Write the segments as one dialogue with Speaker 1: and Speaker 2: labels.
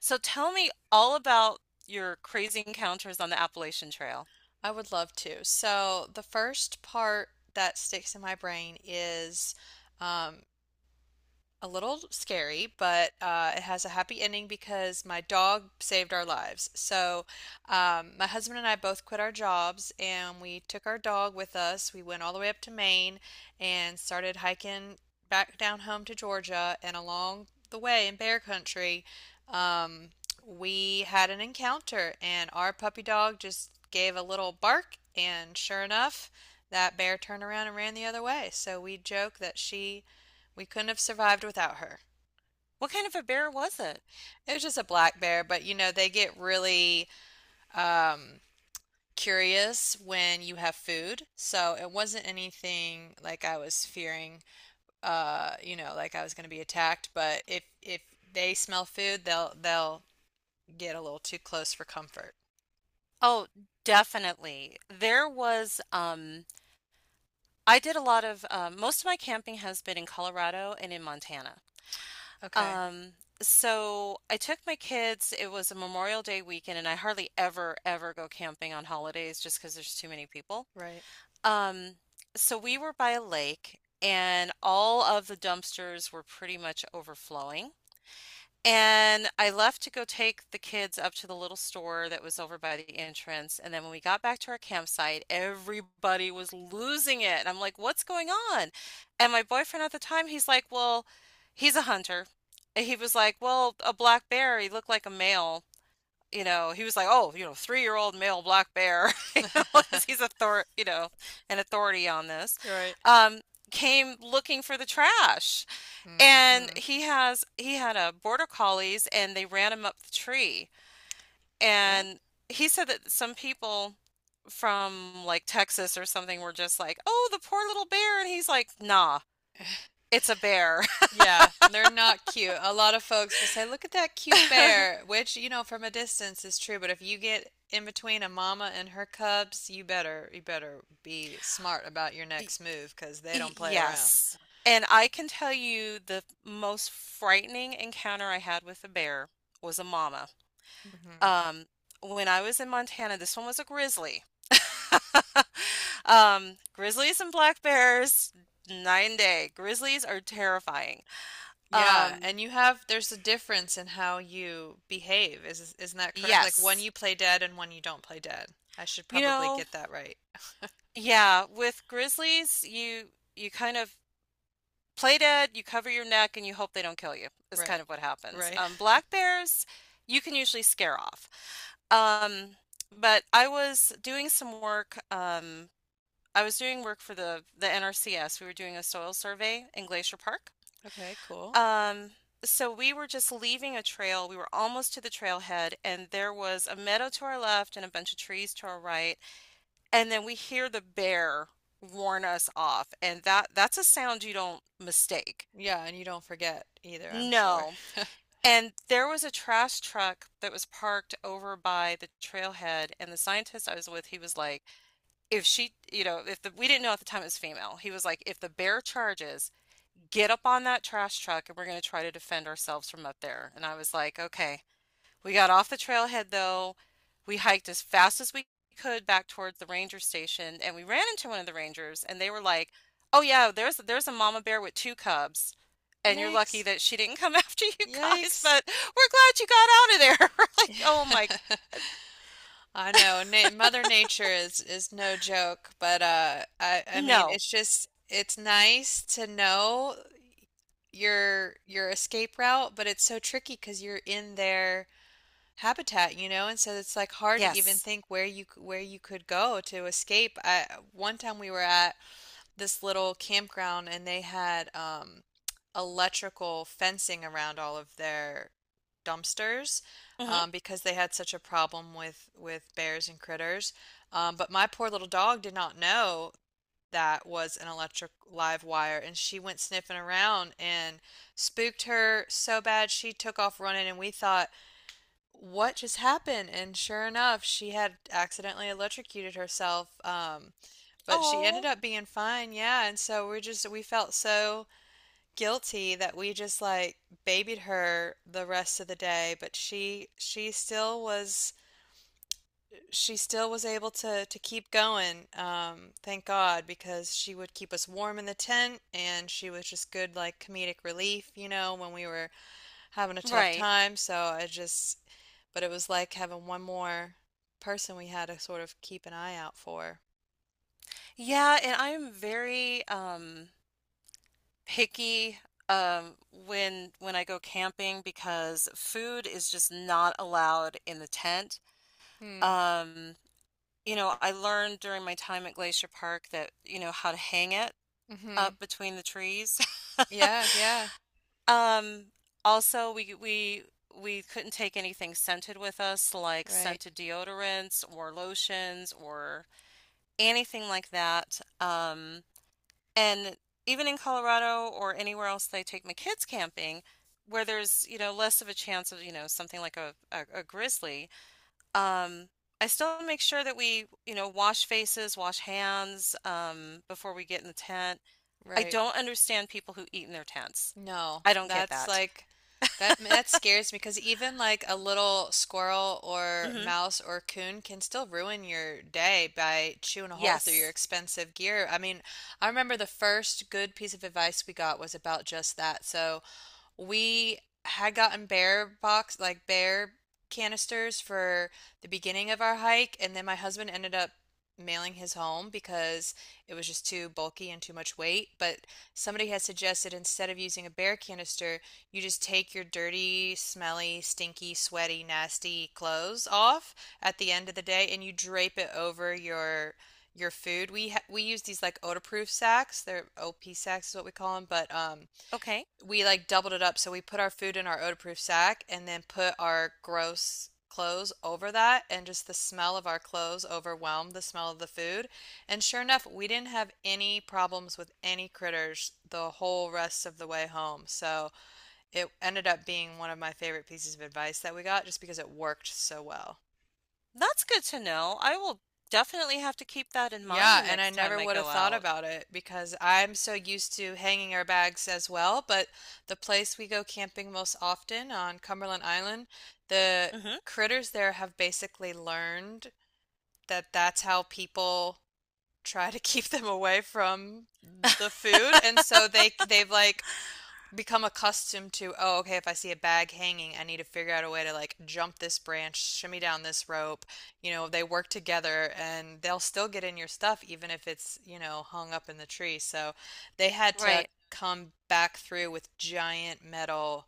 Speaker 1: So tell me all about your crazy encounters on the Appalachian Trail.
Speaker 2: I would love to. So the first part that sticks in my brain is um, a little scary, but it has a happy ending because my dog saved our lives. So, my husband and I both quit our jobs and we took our dog with us. We went all the way up to Maine and started hiking back down home to Georgia. And along the way in bear country, um, we had an encounter, and our puppy dog just gave a little bark. And sure enough, that bear turned around and ran the other way. So, we joke that she we couldn't have survived without her.
Speaker 1: What kind of a bear was it?
Speaker 2: It was just a black bear, but you know, they get really um, curious when you have food. So it wasn't anything like I was fearing, you know, like I was going to be attacked. But if they smell food, they'll get a little too close for comfort.
Speaker 1: Oh, definitely. I did a lot of, most of my camping has been in Colorado and in Montana.
Speaker 2: Okay,
Speaker 1: Um, so I took my kids, it was a Memorial Day weekend, and I hardly ever, ever go camping on holidays just because there's too many people.
Speaker 2: right.
Speaker 1: Um, so we were by a lake, and all of the dumpsters were pretty much overflowing. And I left to go take the kids up to the little store that was over by the entrance. And then when we got back to our campsite, everybody was losing it. And I'm like, what's going on? And my boyfriend at the time, he's like, well, he's a hunter. And he was like, well, a black bear, he looked like a male. You know, he was like, oh, you know, three-year-old male black bear, you know, because he's a thor, you know, an authority on this,
Speaker 2: You're right.
Speaker 1: um, came looking for the trash. And
Speaker 2: Hmm.
Speaker 1: he had a border collies and they ran him up the tree.
Speaker 2: Yeah.
Speaker 1: And he said that some people from like Texas or something were just like, "Oh, the poor little bear." And he's like, "Nah, it's a bear."
Speaker 2: Yeah, they're not cute. A lot of folks will say, "Look at that cute bear," which, you know, from a distance is true, but if you get in between a mama and her cubs, you better be smart about your
Speaker 1: Y-
Speaker 2: next move because they don't play around.
Speaker 1: Yes. And I can tell you the most frightening encounter I had with a bear was a mama.
Speaker 2: Hmm.
Speaker 1: Um, when I was in Montana, this one was a grizzly. Grizzlies and black bears, night and day. Grizzlies are terrifying.
Speaker 2: Yeah,
Speaker 1: Um,
Speaker 2: and you have there's a difference in how you behave. Is isn't that correct? Like one
Speaker 1: yes.
Speaker 2: you play dead and one you don't play dead. I should
Speaker 1: You
Speaker 2: probably
Speaker 1: know,
Speaker 2: get that right.
Speaker 1: yeah, with grizzlies, you kind of play dead, you cover your neck, and you hope they don't kill you, is kind
Speaker 2: Right.
Speaker 1: of what happens.
Speaker 2: Right.
Speaker 1: Black bears, you can usually scare off. Um, but I was doing some work I was doing work for the NRCS. We were doing a soil survey in Glacier Park.
Speaker 2: Okay, cool.
Speaker 1: Um, so we were just leaving a trail. We were almost to the trailhead, and there was a meadow to our left and a bunch of trees to our right. And then we hear the bear warn us off, and that's a sound you don't mistake.
Speaker 2: Yeah, and you don't forget either, I'm sure.
Speaker 1: No. And there was a trash truck that was parked over by the trailhead, and the scientist I was with, he was like, if she, you know, if the, we didn't know at the time it was female, he was like, if the bear charges, get up on that trash truck and we're going to try to defend ourselves from up there. And I was like, okay. We got off the trailhead though. We hiked as fast as we could back towards the ranger station and we ran into one of the rangers and they were like, "Oh yeah, there's a mama bear with two cubs." And you're
Speaker 2: Yikes.
Speaker 1: lucky that she didn't come after you guys,
Speaker 2: Yikes.
Speaker 1: but we're glad you got out of there. We're like, oh my,
Speaker 2: I know. Na Mother Nature is no joke, but I mean
Speaker 1: no.
Speaker 2: it's just it's nice to know your escape route, but it's so tricky 'cause you're in their habitat, you know, and so it's like hard to even
Speaker 1: Yes.
Speaker 2: think where where you could go to escape. I one time we were at this little campground and they had electrical fencing around all of their dumpsters
Speaker 1: Mm-hmm.
Speaker 2: because they had such a problem with bears and critters. But my poor little dog did not know that was an electric live wire, and she went sniffing around and spooked her so bad she took off running, and we thought, what just happened? And sure enough, she had accidentally electrocuted herself. But she ended
Speaker 1: Oh,
Speaker 2: up being fine, yeah. And so we're just, we felt so guilty that we just like babied her the rest of the day. But she still was able to keep going. Thank God, because she would keep us warm in the tent, and she was just good like comedic relief, you know, when we were having a tough
Speaker 1: right.
Speaker 2: time. So but it was like having one more person we had to sort of keep an eye out for.
Speaker 1: Yeah, and I'm very picky, um, when I go camping because food is just not allowed in the tent.
Speaker 2: Hmm.
Speaker 1: Um, you know, I learned during my time at Glacier Park that, you know, how to hang it
Speaker 2: Mm-hmm.
Speaker 1: up between the trees.
Speaker 2: Yeah. Yeah.
Speaker 1: Um, Also we couldn't take anything scented with us, like
Speaker 2: Right,
Speaker 1: scented deodorants or lotions or anything like that. And even in Colorado or anywhere else they take my kids camping, where there's, you know, less of a chance of, you know, something like a grizzly, um, I still make sure that we, you know, wash faces, wash hands, before we get in the tent. I
Speaker 2: right.
Speaker 1: don't understand people who eat in their tents.
Speaker 2: No,
Speaker 1: I don't get
Speaker 2: that's
Speaker 1: that.
Speaker 2: that that scares me because even like a little squirrel or
Speaker 1: Hmm.
Speaker 2: mouse or coon can still ruin your day by chewing a hole through your
Speaker 1: Yes.
Speaker 2: expensive gear. I mean, I remember the first good piece of advice we got was about just that. So, we had gotten bear box, like bear canisters for the beginning of our hike, and then my husband ended up mailing his home because it was just too bulky and too much weight. But somebody had suggested instead of using a bear canister, you just take your dirty, smelly, stinky, sweaty, nasty clothes off at the end of the day and you drape it over your food. We use these like odor-proof sacks. They're OP sacks is what we call them, but
Speaker 1: Okay.
Speaker 2: we like doubled it up. So we put our food in our odor-proof sack and then put our gross clothes over that, and just the smell of our clothes overwhelmed the smell of the food. And sure enough, we didn't have any problems with any critters the whole rest of the way home. So it ended up being one of my favorite pieces of advice that we got just because it worked so well.
Speaker 1: That's good to know. I will definitely have to keep that in mind the
Speaker 2: Yeah, and I
Speaker 1: next time
Speaker 2: never
Speaker 1: I
Speaker 2: would have
Speaker 1: go
Speaker 2: thought
Speaker 1: out.
Speaker 2: about it because I'm so used to hanging our bags as well. But the place we go camping most often on Cumberland Island, the
Speaker 1: Hmm.
Speaker 2: critters there have basically learned that that's how people try to keep them away from the food. And so they've like become accustomed to, oh, okay, if I see a bag hanging, I need to figure out a way to like jump this branch, shimmy down this rope. You know, they work together and they'll still get in your stuff even if it's, you know, hung up in the tree. So they had to
Speaker 1: Right.
Speaker 2: come back through with giant metal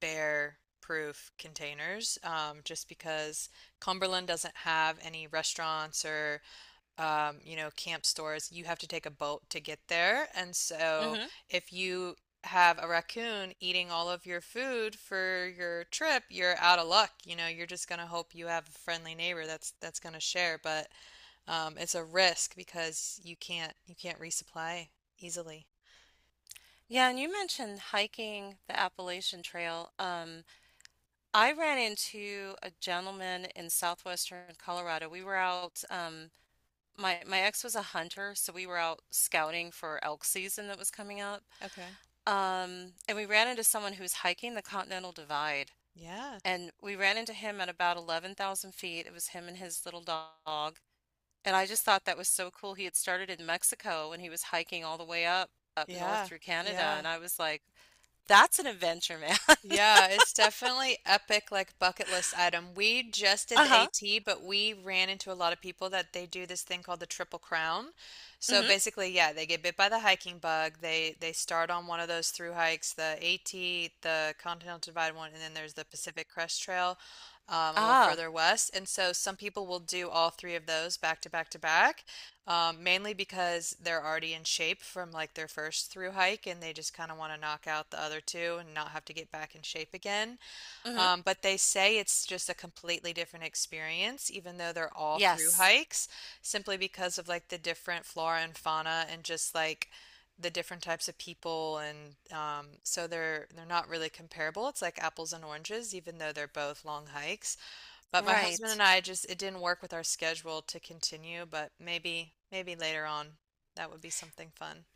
Speaker 2: bear proof containers just because Cumberland doesn't have any restaurants or you know, camp stores, you have to take a boat to get there. And so
Speaker 1: Hmm.
Speaker 2: if you have a raccoon eating all of your food for your trip, you're out of luck. You know, you're just gonna hope you have a friendly neighbor that's gonna share, but it's a risk because you can't resupply easily.
Speaker 1: Yeah, and you mentioned hiking the Appalachian Trail. I ran into a gentleman in southwestern Colorado. We were out, my ex was a hunter, so we were out scouting for elk season that was coming up.
Speaker 2: Okay.
Speaker 1: And we ran into someone who was hiking the Continental Divide,
Speaker 2: Yeah.
Speaker 1: and we ran into him at about 11,000 feet. It was him and his little dog. And I just thought that was so cool. He had started in Mexico and he was hiking all the way up north
Speaker 2: Yeah.
Speaker 1: through Canada,
Speaker 2: Yeah.
Speaker 1: and I was like, that's an adventure, man.
Speaker 2: Yeah, it's definitely epic, like bucket list item. We just did the
Speaker 1: Uh-huh.
Speaker 2: AT, but we ran into a lot of people that they do this thing called the Triple Crown. So
Speaker 1: Mhm.
Speaker 2: basically, yeah, they get bit by the hiking bug. They start on one of those through hikes, the AT, the Continental Divide one, and then there's the Pacific Crest Trail, a little
Speaker 1: Ah.
Speaker 2: further west. And so some people will do all three of those back to back to back. Mainly because they're already in shape from like their first through hike and they just kind of want to knock out the other two and not have to get back in shape again.
Speaker 1: Mhm.
Speaker 2: But they say it's just a completely different experience, even though they're all through
Speaker 1: Yes.
Speaker 2: hikes, simply because of like the different flora and fauna and just like the different types of people and so they're not really comparable. It's like apples and oranges, even though they're both long hikes. But my husband
Speaker 1: Right.
Speaker 2: and I just it didn't work with our schedule to continue, but maybe later on that would be something fun.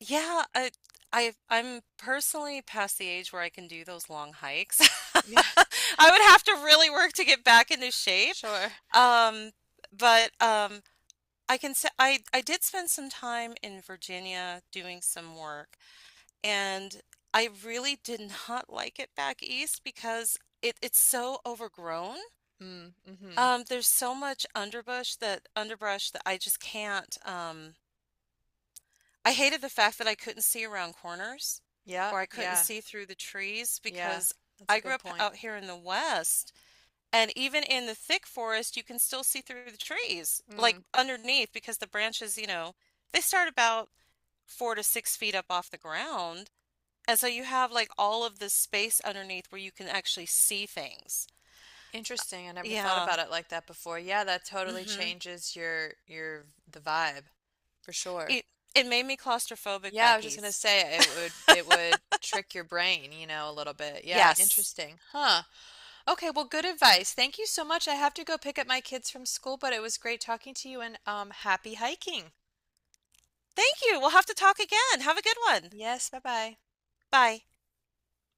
Speaker 1: Yeah, I'm personally past the age where I can do those long hikes.
Speaker 2: Yeah,
Speaker 1: I would have to really work to get back into shape.
Speaker 2: sure.
Speaker 1: Um, but I can say I did spend some time in Virginia doing some work and I really did not like it back east because it's so overgrown.
Speaker 2: Mm, mm-hmm.
Speaker 1: There's so much underbrush, that underbrush that I just can't. I hated the fact that I couldn't see around corners
Speaker 2: Yeah,
Speaker 1: or I couldn't see through the trees
Speaker 2: yeah.
Speaker 1: because
Speaker 2: That's a
Speaker 1: I grew
Speaker 2: good
Speaker 1: up
Speaker 2: point.
Speaker 1: out here in the West, and even in the thick forest, you can still see through the trees, like
Speaker 2: Mm,
Speaker 1: underneath, because the branches, you know, they start about 4 to 6 feet up off the ground. And so you have like all of this space underneath where you can actually see things.
Speaker 2: interesting. I never thought
Speaker 1: Yeah.
Speaker 2: about it like that before. Yeah, that totally
Speaker 1: Hmm.
Speaker 2: changes your the vibe for sure.
Speaker 1: It it made me claustrophobic
Speaker 2: Yeah, I
Speaker 1: back
Speaker 2: was just gonna
Speaker 1: east.
Speaker 2: say it would trick your brain, you know, a little bit. Yeah,
Speaker 1: Yes.
Speaker 2: interesting. Huh. Okay, well, good advice. Thank you so much. I have to go pick up my kids from school, but it was great talking to you and happy hiking.
Speaker 1: Thank you. We'll have to talk again. Have a good one.
Speaker 2: Yes, bye bye.
Speaker 1: Bye.